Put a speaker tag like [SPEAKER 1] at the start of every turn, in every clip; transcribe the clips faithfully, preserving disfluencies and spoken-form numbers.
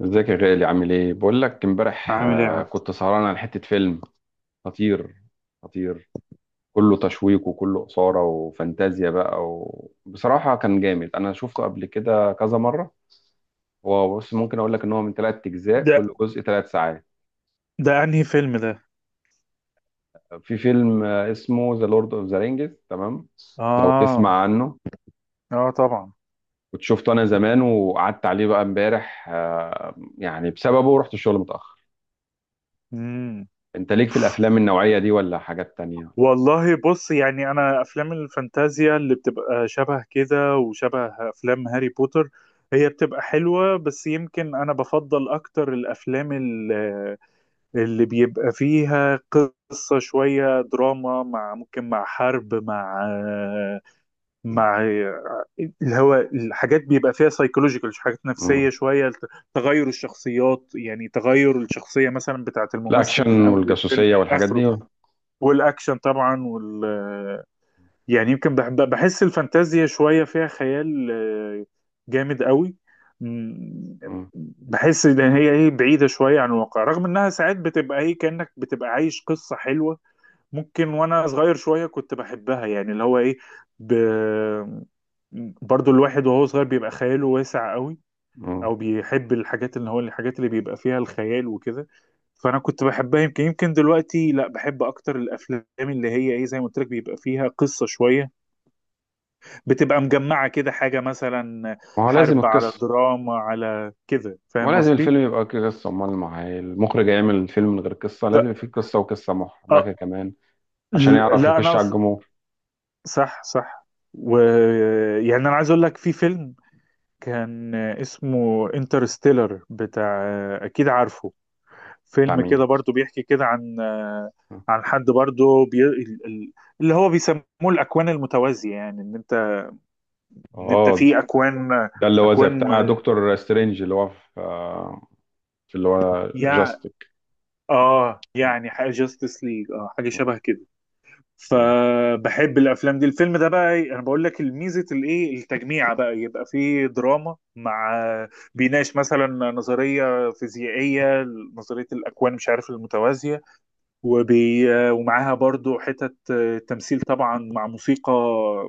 [SPEAKER 1] ازيك يا غالي، عامل ايه؟ بقول لك امبارح،
[SPEAKER 2] عامل ايه يا
[SPEAKER 1] آه،
[SPEAKER 2] عبد؟
[SPEAKER 1] كنت سهران على حتة فيلم خطير خطير، كله تشويق وكله إثارة وفانتازيا بقى. وبصراحة كان جامد، انا شفته قبل كده كذا مرة. هو بص، ممكن اقول لك ان هو من ثلاث اجزاء،
[SPEAKER 2] ده
[SPEAKER 1] كل جزء ثلاث ساعات.
[SPEAKER 2] ده انهي فيلم ده؟
[SPEAKER 1] في فيلم آه، اسمه ذا لورد اوف ذا رينجز، تمام؟ لو تسمع
[SPEAKER 2] اه،
[SPEAKER 1] عنه.
[SPEAKER 2] اه طبعا.
[SPEAKER 1] كنت شفته انا زمان، وقعدت عليه بقى امبارح، آه، يعني بسببه رحت الشغل متأخر.
[SPEAKER 2] امم
[SPEAKER 1] انت ليك في الافلام النوعية دي ولا حاجات تانية؟
[SPEAKER 2] والله بص، يعني انا افلام الفانتازيا اللي بتبقى شبه كده وشبه افلام هاري بوتر هي بتبقى حلوة، بس يمكن انا بفضل اكتر الافلام اللي, اللي بيبقى فيها قصة، شوية دراما مع ممكن مع حرب مع مع الهواء، الحاجات بيبقى فيها سايكولوجيكال، حاجات نفسية شوية، تغير الشخصيات، يعني تغير الشخصية مثلا بتاعت الممثل من
[SPEAKER 1] الاكشن
[SPEAKER 2] أول الفيلم
[SPEAKER 1] والجاسوسيه والحاجات
[SPEAKER 2] لآخره.
[SPEAKER 1] دي.
[SPEAKER 2] والأكشن طبعا، وال يعني يمكن بحب، بحس الفانتازيا شوية فيها خيال آه، جامد قوي. م-
[SPEAKER 1] مم.
[SPEAKER 2] بحس ان هي ايه، بعيدة شوية عن الواقع، رغم انها ساعات بتبقى ايه كأنك بتبقى عايش قصة حلوة. ممكن وانا صغير شويه كنت بحبها، يعني اللي هو ايه، ب... برضو الواحد وهو صغير بيبقى خياله واسع قوي،
[SPEAKER 1] مم.
[SPEAKER 2] او بيحب الحاجات اللي هو الحاجات اللي بيبقى فيها الخيال وكده. فانا كنت بحبها، يمكن يمكن دلوقتي لا، بحب اكتر الافلام اللي هي ايه، زي ما قلت لك، بيبقى فيها قصه شويه، بتبقى مجمعه كده، حاجه مثلا
[SPEAKER 1] ما هو لازم
[SPEAKER 2] حرب على
[SPEAKER 1] القصه.
[SPEAKER 2] دراما على كده،
[SPEAKER 1] ما هو
[SPEAKER 2] فاهم
[SPEAKER 1] لازم
[SPEAKER 2] قصدي؟
[SPEAKER 1] الفيلم يبقى فيه قصه، امال ما هي المخرج هيعمل فيلم من غير قصه؟
[SPEAKER 2] ف...
[SPEAKER 1] لازم يبقى فيه قصه، وقصه
[SPEAKER 2] آه،
[SPEAKER 1] محبكه كمان، عشان يعرف
[SPEAKER 2] لا انا
[SPEAKER 1] يخش على
[SPEAKER 2] أص...
[SPEAKER 1] الجمهور.
[SPEAKER 2] صح، صح. ويعني انا عايز اقول لك في فيلم كان اسمه انترستيلر بتاع، اكيد عارفه،
[SPEAKER 1] بتاع
[SPEAKER 2] فيلم
[SPEAKER 1] مين؟
[SPEAKER 2] كده برضو بيحكي كده عن عن حد برضو بي... ال- ال- اللي هو بيسموه الاكوان المتوازية، يعني ان انت ان انت
[SPEAKER 1] اه،
[SPEAKER 2] في اكوان،
[SPEAKER 1] ده اللي هو زي
[SPEAKER 2] اكوان،
[SPEAKER 1] بتاع دكتور سترينج، اللي هو في آه، في اللي هو
[SPEAKER 2] يع...
[SPEAKER 1] جاستيك.
[SPEAKER 2] اه يعني حاجة جاستس ليج، اه حاجة شبه كده.
[SPEAKER 1] تمام.
[SPEAKER 2] فبحب الافلام دي. الفيلم ده بقى إيه، انا بقول لك الميزه الايه التجميع، بقى يبقى فيه دراما مع، بيناقش مثلا نظريه فيزيائيه، نظريه الاكوان مش عارف المتوازيه، وبي ومعاها برضو حتت تمثيل طبعا، مع موسيقى،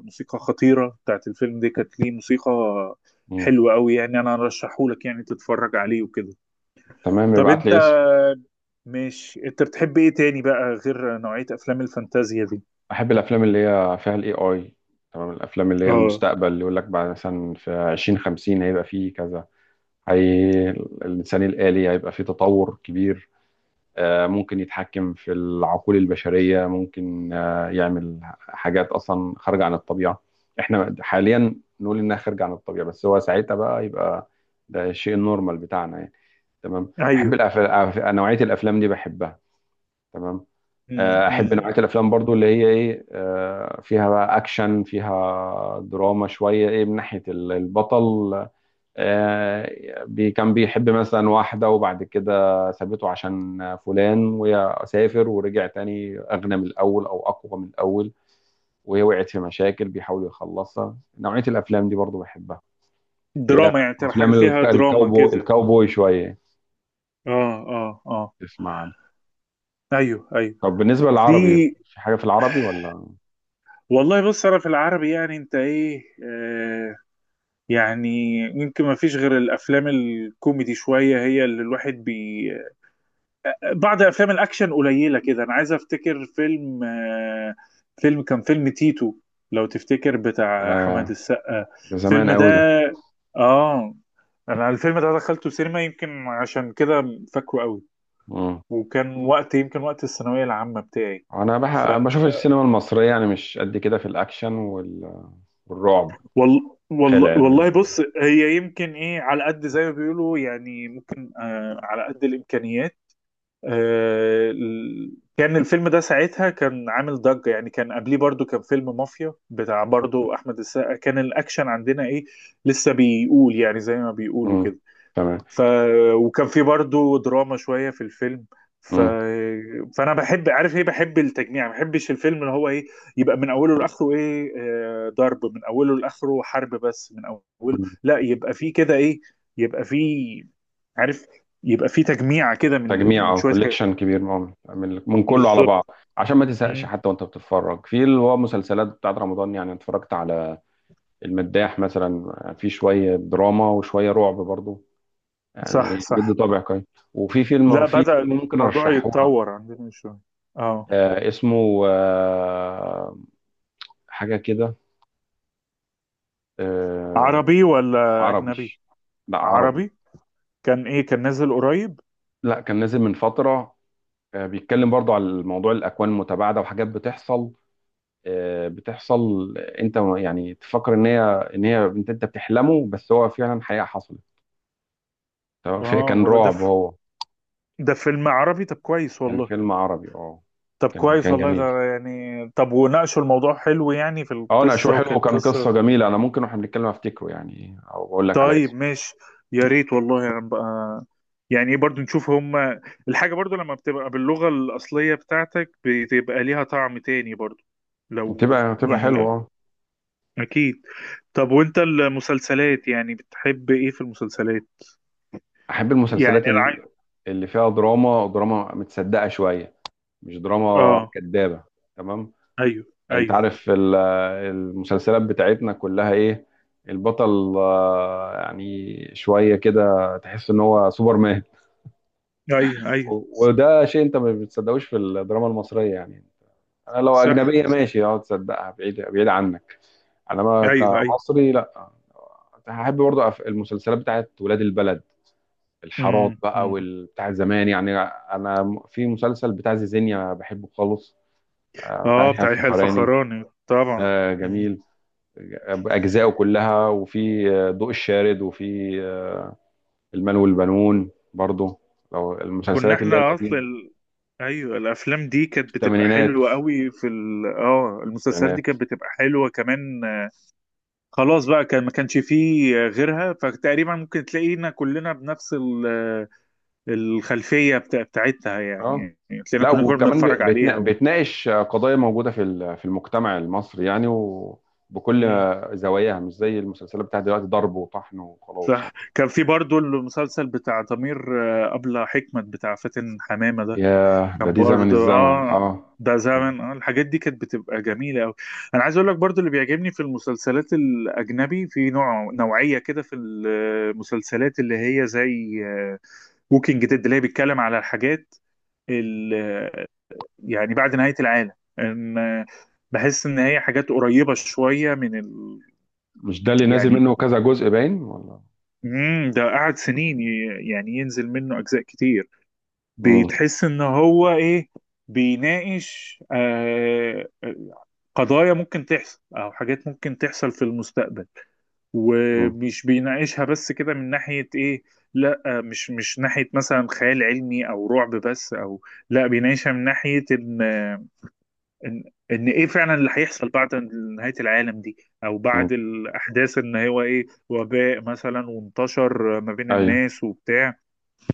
[SPEAKER 2] موسيقى خطيره بتاعت الفيلم دي، كانت ليه موسيقى
[SPEAKER 1] مم.
[SPEAKER 2] حلوه قوي. يعني انا ارشحه لك يعني تتفرج عليه وكده.
[SPEAKER 1] تمام،
[SPEAKER 2] طب
[SPEAKER 1] يبعت
[SPEAKER 2] انت،
[SPEAKER 1] لي اسم.
[SPEAKER 2] مش انت بتحب ايه تاني بقى غير نوعيه افلام الفانتازيا دي؟
[SPEAKER 1] احب الافلام اللي هي فيها الاي اي. تمام، الافلام اللي هي
[SPEAKER 2] اه،
[SPEAKER 1] المستقبل، اللي يقول لك بعد مثلا في ألفين وخمسين هيبقى فيه كذا، هي الإنسان الآلي هيبقى فيه تطور كبير. آه، ممكن يتحكم في العقول البشرية، ممكن آه، يعمل حاجات أصلا خارجة عن الطبيعة. إحنا حاليا نقول إنها خارجة عن الطبيعة، بس هو ساعتها بقى يبقى ده الشيء النورمال بتاعنا يعني. تمام، أحب
[SPEAKER 2] ايوه.
[SPEAKER 1] الأفلام، نوعية الأفلام دي بحبها. تمام.
[SPEAKER 2] مم،
[SPEAKER 1] آه، أحب نوعية
[SPEAKER 2] مم.
[SPEAKER 1] الأفلام برضو اللي هي إيه، آه، فيها بقى أكشن، فيها دراما شوية، إيه من ناحية البطل. آه، بي كان بيحب مثلا واحدة، وبعد كده سابته عشان فلان، وسافر ورجع تاني أغنى من الأول أو أقوى من الأول، وهي وقعت في مشاكل بيحاول يخلصها. نوعية الأفلام دي برضو بحبها. اللي هي
[SPEAKER 2] دراما، يعني تبقى حاجة
[SPEAKER 1] أفلام
[SPEAKER 2] فيها
[SPEAKER 1] الك-
[SPEAKER 2] دراما
[SPEAKER 1] الكاوبوي،
[SPEAKER 2] كده.
[SPEAKER 1] الكاوبوي شوية.
[SPEAKER 2] اه، اه، اه.
[SPEAKER 1] تسمع عنها؟
[SPEAKER 2] ايوه، ايوه.
[SPEAKER 1] طب بالنسبة
[SPEAKER 2] في،
[SPEAKER 1] للعربي، في حاجة في العربي ولا؟
[SPEAKER 2] والله بص انا في العربي، يعني انت ايه آه، يعني يمكن ما فيش غير الافلام الكوميدي شوية هي اللي الواحد بي بعض افلام الاكشن قليلة كده. انا عايز افتكر فيلم آه، فيلم كان فيلم تيتو، لو تفتكر، بتاع
[SPEAKER 1] آه،
[SPEAKER 2] احمد السقا.
[SPEAKER 1] ده زمان
[SPEAKER 2] الفيلم ده،
[SPEAKER 1] قوي ده.
[SPEAKER 2] اه انا الفيلم ده دخلته سينما يمكن عشان كده فاكره قوي،
[SPEAKER 1] مم.
[SPEAKER 2] وكان وقت يمكن وقت الثانوية العامة بتاعي.
[SPEAKER 1] أنا
[SPEAKER 2] ف
[SPEAKER 1] بح... بشوف السينما المصرية يعني مش قد كده في الأكشن وال... والرعب،
[SPEAKER 2] وال...
[SPEAKER 1] خيال
[SPEAKER 2] والله،
[SPEAKER 1] علمي
[SPEAKER 2] والله
[SPEAKER 1] والحاجات
[SPEAKER 2] بص، هي يمكن ايه على قد زي ما بيقولوا يعني، ممكن آه على قد الامكانيات. آه، ال- كان الفيلم ده ساعتها كان عامل ضجة، يعني كان قبليه برضو كان فيلم مافيا بتاع برضو احمد السقا، كان الاكشن عندنا ايه لسه بيقول يعني، زي ما
[SPEAKER 1] دي.
[SPEAKER 2] بيقولوا
[SPEAKER 1] مم.
[SPEAKER 2] كده.
[SPEAKER 1] تمام.
[SPEAKER 2] ف... وكان في برضو دراما شوية في الفيلم. ف...
[SPEAKER 1] مم.
[SPEAKER 2] فانا بحب، عارف ايه، بحب التجميع. ما بحبش الفيلم اللي هو ايه يبقى من اوله لاخره ايه آه، ضرب من اوله لاخره، حرب بس من اوله. لا يبقى في كده ايه، يبقى في، عارف، يبقى في تجميع كده من
[SPEAKER 1] تجميع
[SPEAKER 2] من
[SPEAKER 1] او
[SPEAKER 2] شوية حاجات.
[SPEAKER 1] كوليكشن كبير، من من من كله على
[SPEAKER 2] بالظبط.
[SPEAKER 1] بعض، عشان ما تزهقش
[SPEAKER 2] مم.
[SPEAKER 1] حتى وانت بتتفرج. في اللي هو مسلسلات بتاعت رمضان يعني، اتفرجت على المداح مثلا، في شويه دراما وشويه رعب برضو،
[SPEAKER 2] صح،
[SPEAKER 1] يعني بيدي
[SPEAKER 2] صح.
[SPEAKER 1] طابع كويس. وفي فيلم،
[SPEAKER 2] لا
[SPEAKER 1] في
[SPEAKER 2] بدأ
[SPEAKER 1] فيلم ممكن
[SPEAKER 2] الموضوع
[SPEAKER 1] ارشحه لك.
[SPEAKER 2] يتطور عندنا شوية. اه.
[SPEAKER 1] آه اسمه آه حاجه كده، آه.
[SPEAKER 2] عربي ولا
[SPEAKER 1] عربي،
[SPEAKER 2] اجنبي؟
[SPEAKER 1] لا عربي،
[SPEAKER 2] عربي، كان ايه، كان نازل قريب؟
[SPEAKER 1] لا كان نازل من فتره. آه بيتكلم برضو على موضوع الاكوان المتباعده وحاجات بتحصل، آه، بتحصل. انت يعني تفكر ان هي، ان هي انت انت بتحلمه، بس هو فعلا حقيقة حصلت. تمام، في-
[SPEAKER 2] اه
[SPEAKER 1] كان
[SPEAKER 2] والله، ده
[SPEAKER 1] رعب هو.
[SPEAKER 2] ده فيلم عربي، طب كويس
[SPEAKER 1] كان
[SPEAKER 2] والله.
[SPEAKER 1] فيلم عربي، اه.
[SPEAKER 2] طب
[SPEAKER 1] كان
[SPEAKER 2] كويس
[SPEAKER 1] كان
[SPEAKER 2] والله
[SPEAKER 1] جميل.
[SPEAKER 2] ده. يعني طب وناقشوا الموضوع حلو، يعني في
[SPEAKER 1] اه، ناقشوه
[SPEAKER 2] القصة
[SPEAKER 1] حلو،
[SPEAKER 2] وكانت
[SPEAKER 1] وكان قصة
[SPEAKER 2] قصة؟
[SPEAKER 1] جميلة. انا ممكن واحنا بنتكلم افتكره يعني، او اقول لك على
[SPEAKER 2] طيب،
[SPEAKER 1] اسمه.
[SPEAKER 2] ماشي. يا ريت والله يعني بقى، يعني ايه، برضو نشوف هما. الحاجة برضو لما بتبقى باللغة الأصلية بتاعتك بتبقى ليها طعم تاني برضو، لو
[SPEAKER 1] بتبقى بتبقى
[SPEAKER 2] يعني
[SPEAKER 1] حلوة
[SPEAKER 2] لا،
[SPEAKER 1] اه.
[SPEAKER 2] أكيد. طب وأنت المسلسلات، يعني بتحب إيه في المسلسلات؟
[SPEAKER 1] احب
[SPEAKER 2] يعني
[SPEAKER 1] المسلسلات
[SPEAKER 2] أنا
[SPEAKER 1] ال-
[SPEAKER 2] عايز،
[SPEAKER 1] اللي فيها دراما، دراما متصدقة شوية، مش دراما
[SPEAKER 2] آه،
[SPEAKER 1] كدابة. تمام.
[SPEAKER 2] أيوه
[SPEAKER 1] انت
[SPEAKER 2] أيوه.
[SPEAKER 1] عارف ال- المسلسلات بتاعتنا كلها ايه، البطل آه، يعني شوية كده تحس ان هو سوبرمان.
[SPEAKER 2] أيوه أيوه.
[SPEAKER 1] و- وده شيء انت ما بتصدقوش في الدراما المصرية يعني. انا لو
[SPEAKER 2] صح.
[SPEAKER 1] اجنبية ماشي، اه، تصدقها، بعيد بعيد عنك، انما
[SPEAKER 2] أيوه أيوه.
[SPEAKER 1] كمصري لا. هحب برضه أف- المسلسلات بتاعت ولاد البلد، الحارات
[SPEAKER 2] إمم،
[SPEAKER 1] بقى
[SPEAKER 2] إمم.
[SPEAKER 1] والبتاع زمان يعني. انا م- في مسلسل بتاع زيزينيا بحبه خالص، آه، بتاع
[SPEAKER 2] اه
[SPEAKER 1] يحيى
[SPEAKER 2] بتاع يحيى
[SPEAKER 1] الفخراني.
[SPEAKER 2] الفخراني طبعا.
[SPEAKER 1] ده
[SPEAKER 2] مم.
[SPEAKER 1] جميل بأجزائه كلها، وفي آه، ضوء الشارد، وفي آه، المال والبنون برضو، لو
[SPEAKER 2] كنا
[SPEAKER 1] المسلسلات اللي هي
[SPEAKER 2] احنا اصلا
[SPEAKER 1] القديمة دي،
[SPEAKER 2] ال... ايوه الافلام دي كانت بتبقى
[SPEAKER 1] الثمانينات،
[SPEAKER 2] حلوه قوي في ال... اه المسلسلات دي
[SPEAKER 1] التسعينات.
[SPEAKER 2] كانت بتبقى حلوه كمان. آه، خلاص بقى كان ما كانش فيه آه غيرها، فتقريبا ممكن تلاقينا كلنا بنفس ال... آه، الخلفيه بتاع... بتاعتها،
[SPEAKER 1] اه،
[SPEAKER 2] يعني يعني تلاقينا
[SPEAKER 1] لا
[SPEAKER 2] كلنا كنا
[SPEAKER 1] وكمان بي-
[SPEAKER 2] بنتفرج عليها
[SPEAKER 1] بيتنا-
[SPEAKER 2] و...
[SPEAKER 1] بتناقش قضايا موجودة في ال- في المجتمع المصري يعني، وبكل
[SPEAKER 2] مم.
[SPEAKER 1] زواياها. مش زي المسلسلات بتاعت دلوقتي، ضرب وطحن وخلاص
[SPEAKER 2] صح،
[SPEAKER 1] يعني.
[SPEAKER 2] كان في برضو المسلسل بتاع ضمير، آه، أبلة حكمت بتاع فاتن حمامة ده،
[SPEAKER 1] ياه، ده
[SPEAKER 2] كان
[SPEAKER 1] دي زمن،
[SPEAKER 2] برضو
[SPEAKER 1] الزمن
[SPEAKER 2] اه،
[SPEAKER 1] اه.
[SPEAKER 2] ده زمن، اه الحاجات دي كانت بتبقى جميلة أوي. أنا عايز أقول لك برضو اللي بيعجبني في المسلسلات الأجنبي، في نوع، نوعية كده في المسلسلات اللي هي زي ووكينج ديد، اللي هي بيتكلم على الحاجات ال- يعني بعد نهاية العالم، إن آه، بحس إن هي حاجات قريبة شوية من ال...
[SPEAKER 1] مش ده اللي نازل
[SPEAKER 2] يعني،
[SPEAKER 1] منه كذا جزء، باين، ولا؟
[SPEAKER 2] مم ده قعد سنين ي- يعني ينزل منه أجزاء كتير.
[SPEAKER 1] مم.
[SPEAKER 2] بتحس إن هو إيه بيناقش آه قضايا ممكن تحصل، او حاجات ممكن تحصل في المستقبل،
[SPEAKER 1] مم.
[SPEAKER 2] ومش بيناقشها بس كده من ناحية ايه، لا مش، مش ناحية مثلا خيال علمي او رعب بس، او لا بيناقشها من ناحية ان ان ان ايه فعلا اللي هيحصل بعد نهاية العالم دي، او
[SPEAKER 1] مم.
[SPEAKER 2] بعد الاحداث ان هو ايه وباء مثلا وانتشر ما بين
[SPEAKER 1] ايوه.
[SPEAKER 2] الناس وبتاع.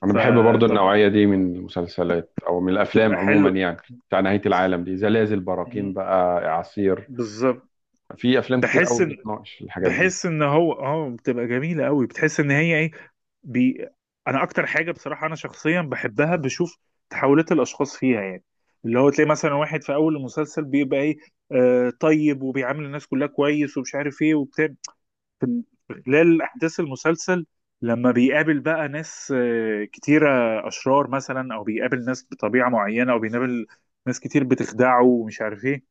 [SPEAKER 1] انا بحب برضو
[SPEAKER 2] فطب،
[SPEAKER 1] النوعيه دي من المسلسلات او من الافلام
[SPEAKER 2] بتبقى
[SPEAKER 1] عموما
[SPEAKER 2] حلو.
[SPEAKER 1] يعني، بتاع نهايه العالم دي، زلازل، براكين
[SPEAKER 2] مم،
[SPEAKER 1] بقى، اعاصير.
[SPEAKER 2] بالظبط.
[SPEAKER 1] في افلام كتير
[SPEAKER 2] بحس
[SPEAKER 1] قوي
[SPEAKER 2] ان،
[SPEAKER 1] بتناقش الحاجات دي.
[SPEAKER 2] بحس ان هو اه بتبقى جميله قوي، بتحس ان هي ايه، بي، انا اكتر حاجه بصراحه انا شخصيا بحبها بشوف تحولات الاشخاص فيها، يعني اللي هو تلاقي مثلا واحد في اول المسلسل بيبقى ايه آه طيب، وبيعامل الناس كلها كويس ومش عارف ايه وبتاع، في، في خلال احداث المسلسل لما بيقابل بقى ناس آه كتيره، اشرار مثلا، او بيقابل ناس بطبيعه معينه، او بيقابل ناس كتير بتخدعه ومش عارف ايه،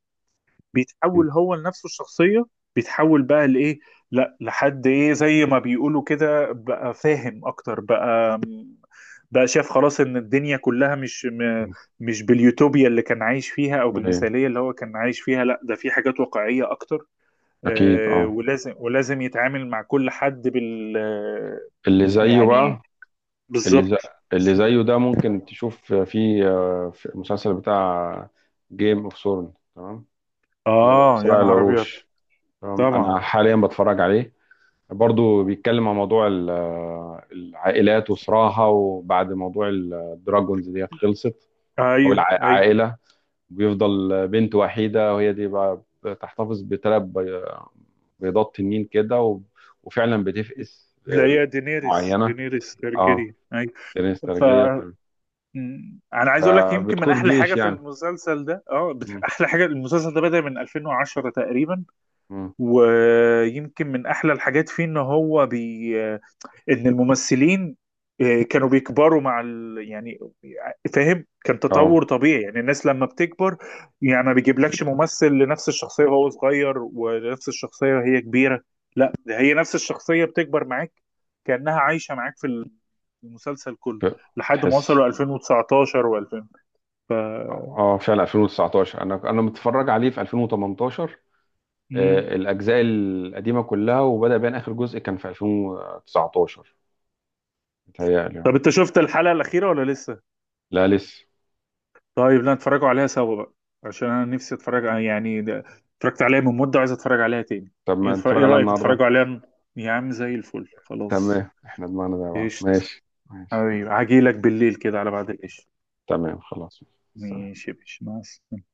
[SPEAKER 1] م-
[SPEAKER 2] بيتحول هو لنفسه الشخصية، بيتحول بقى لإيه، لا لحد إيه زي ما بيقولوا كده، بقى فاهم أكتر، بقى بقى شاف خلاص إن الدنيا كلها مش م- مش باليوتوبيا اللي كان عايش فيها، أو
[SPEAKER 1] م- ايه،
[SPEAKER 2] بالمثالية اللي هو كان عايش فيها، لا ده في حاجات واقعية أكتر.
[SPEAKER 1] اكيد
[SPEAKER 2] آه،
[SPEAKER 1] اه.
[SPEAKER 2] ولازم ولازم يتعامل مع كل حد بال آه،
[SPEAKER 1] اللي زيه
[SPEAKER 2] يعني
[SPEAKER 1] بقى، اللي زي
[SPEAKER 2] بالظبط.
[SPEAKER 1] اللي زيه ده ممكن تشوف في آه، في المسلسل بتاع جيم اوف ثرون، تمام؟ اللي هو
[SPEAKER 2] آه يا
[SPEAKER 1] صراع
[SPEAKER 2] نهار أبيض.
[SPEAKER 1] العروش. تمام،
[SPEAKER 2] طبعا.
[SPEAKER 1] انا حاليا بتفرج عليه، برضو بيتكلم عن موضوع ال- آه، العائلات وصراعها. وبعد موضوع الدراجونز ديت خلصت، او
[SPEAKER 2] أيوه أيوه.
[SPEAKER 1] العائله بيفضل بنت وحيده، وهي دي بقى بتحتفظ بثلاث بيضات تنين كده، و... وفعلا بتفقس
[SPEAKER 2] لا
[SPEAKER 1] لظروف
[SPEAKER 2] هي دينيريس،
[SPEAKER 1] معينه.
[SPEAKER 2] دينيريس
[SPEAKER 1] اه،
[SPEAKER 2] تارجيريان.
[SPEAKER 1] جنين
[SPEAKER 2] ف
[SPEAKER 1] استرجية تمام،
[SPEAKER 2] م- انا عايز اقول لك يمكن من
[SPEAKER 1] فبتقود
[SPEAKER 2] احلى حاجه
[SPEAKER 1] جيش
[SPEAKER 2] في
[SPEAKER 1] يعني.
[SPEAKER 2] المسلسل ده اه بت-
[SPEAKER 1] مم.
[SPEAKER 2] احلى حاجه المسلسل ده بدأ من ألفين وعشرة تقريبا،
[SPEAKER 1] مم.
[SPEAKER 2] ويمكن من احلى الحاجات فيه ان هو بي، ان الممثلين آه، كانوا بيكبروا مع ال... يعني فاهم، كان
[SPEAKER 1] اه.
[SPEAKER 2] تطور طبيعي، يعني الناس لما بتكبر. يعني ما بيجيبلكش ممثل لنفس الشخصية وهو صغير ونفس الشخصية وهي كبيرة، لا ده هي نفس الشخصية بتكبر معاك، كأنها عايشة معاك في المسلسل كله،
[SPEAKER 1] ف-
[SPEAKER 2] لحد ما
[SPEAKER 1] تحس.
[SPEAKER 2] وصلوا ألفين وتسعتاشر و2000.
[SPEAKER 1] اه، آه، فعلا ألفين وتسعتاشر، انا انا متفرج عليه في ألفين وتمنتاشر.
[SPEAKER 2] مم.
[SPEAKER 1] آه، الاجزاء القديمه كلها، وبدا بان اخر جزء كان في ألفين وتسعتاشر، متهيألي. آه،
[SPEAKER 2] طب انت شفت الحلقة الأخيرة ولا لسه؟
[SPEAKER 1] لا لسه.
[SPEAKER 2] طيب، لا نتفرجوا عليها سوا بقى، عشان انا نفسي اتفرج ع- يعني ده، اتفرجت عليها من مدة وعايز اتفرج عليها تاني.
[SPEAKER 1] طب
[SPEAKER 2] ايه
[SPEAKER 1] ما
[SPEAKER 2] تفر-
[SPEAKER 1] نتفرج
[SPEAKER 2] إيه
[SPEAKER 1] عليها
[SPEAKER 2] رأيك
[SPEAKER 1] النهارده.
[SPEAKER 2] نتفرجوا عليها ن-، يا عم زي الفل خلاص.
[SPEAKER 1] تمام، احنا دماغنا زي بعض.
[SPEAKER 2] قشط.
[SPEAKER 1] ماشي ماشي.
[SPEAKER 2] حبيبي هجيلك بالليل كده على بعد القشط.
[SPEAKER 1] تمام خلاص. سلام.
[SPEAKER 2] ماشي يا باشا، مع السلامة.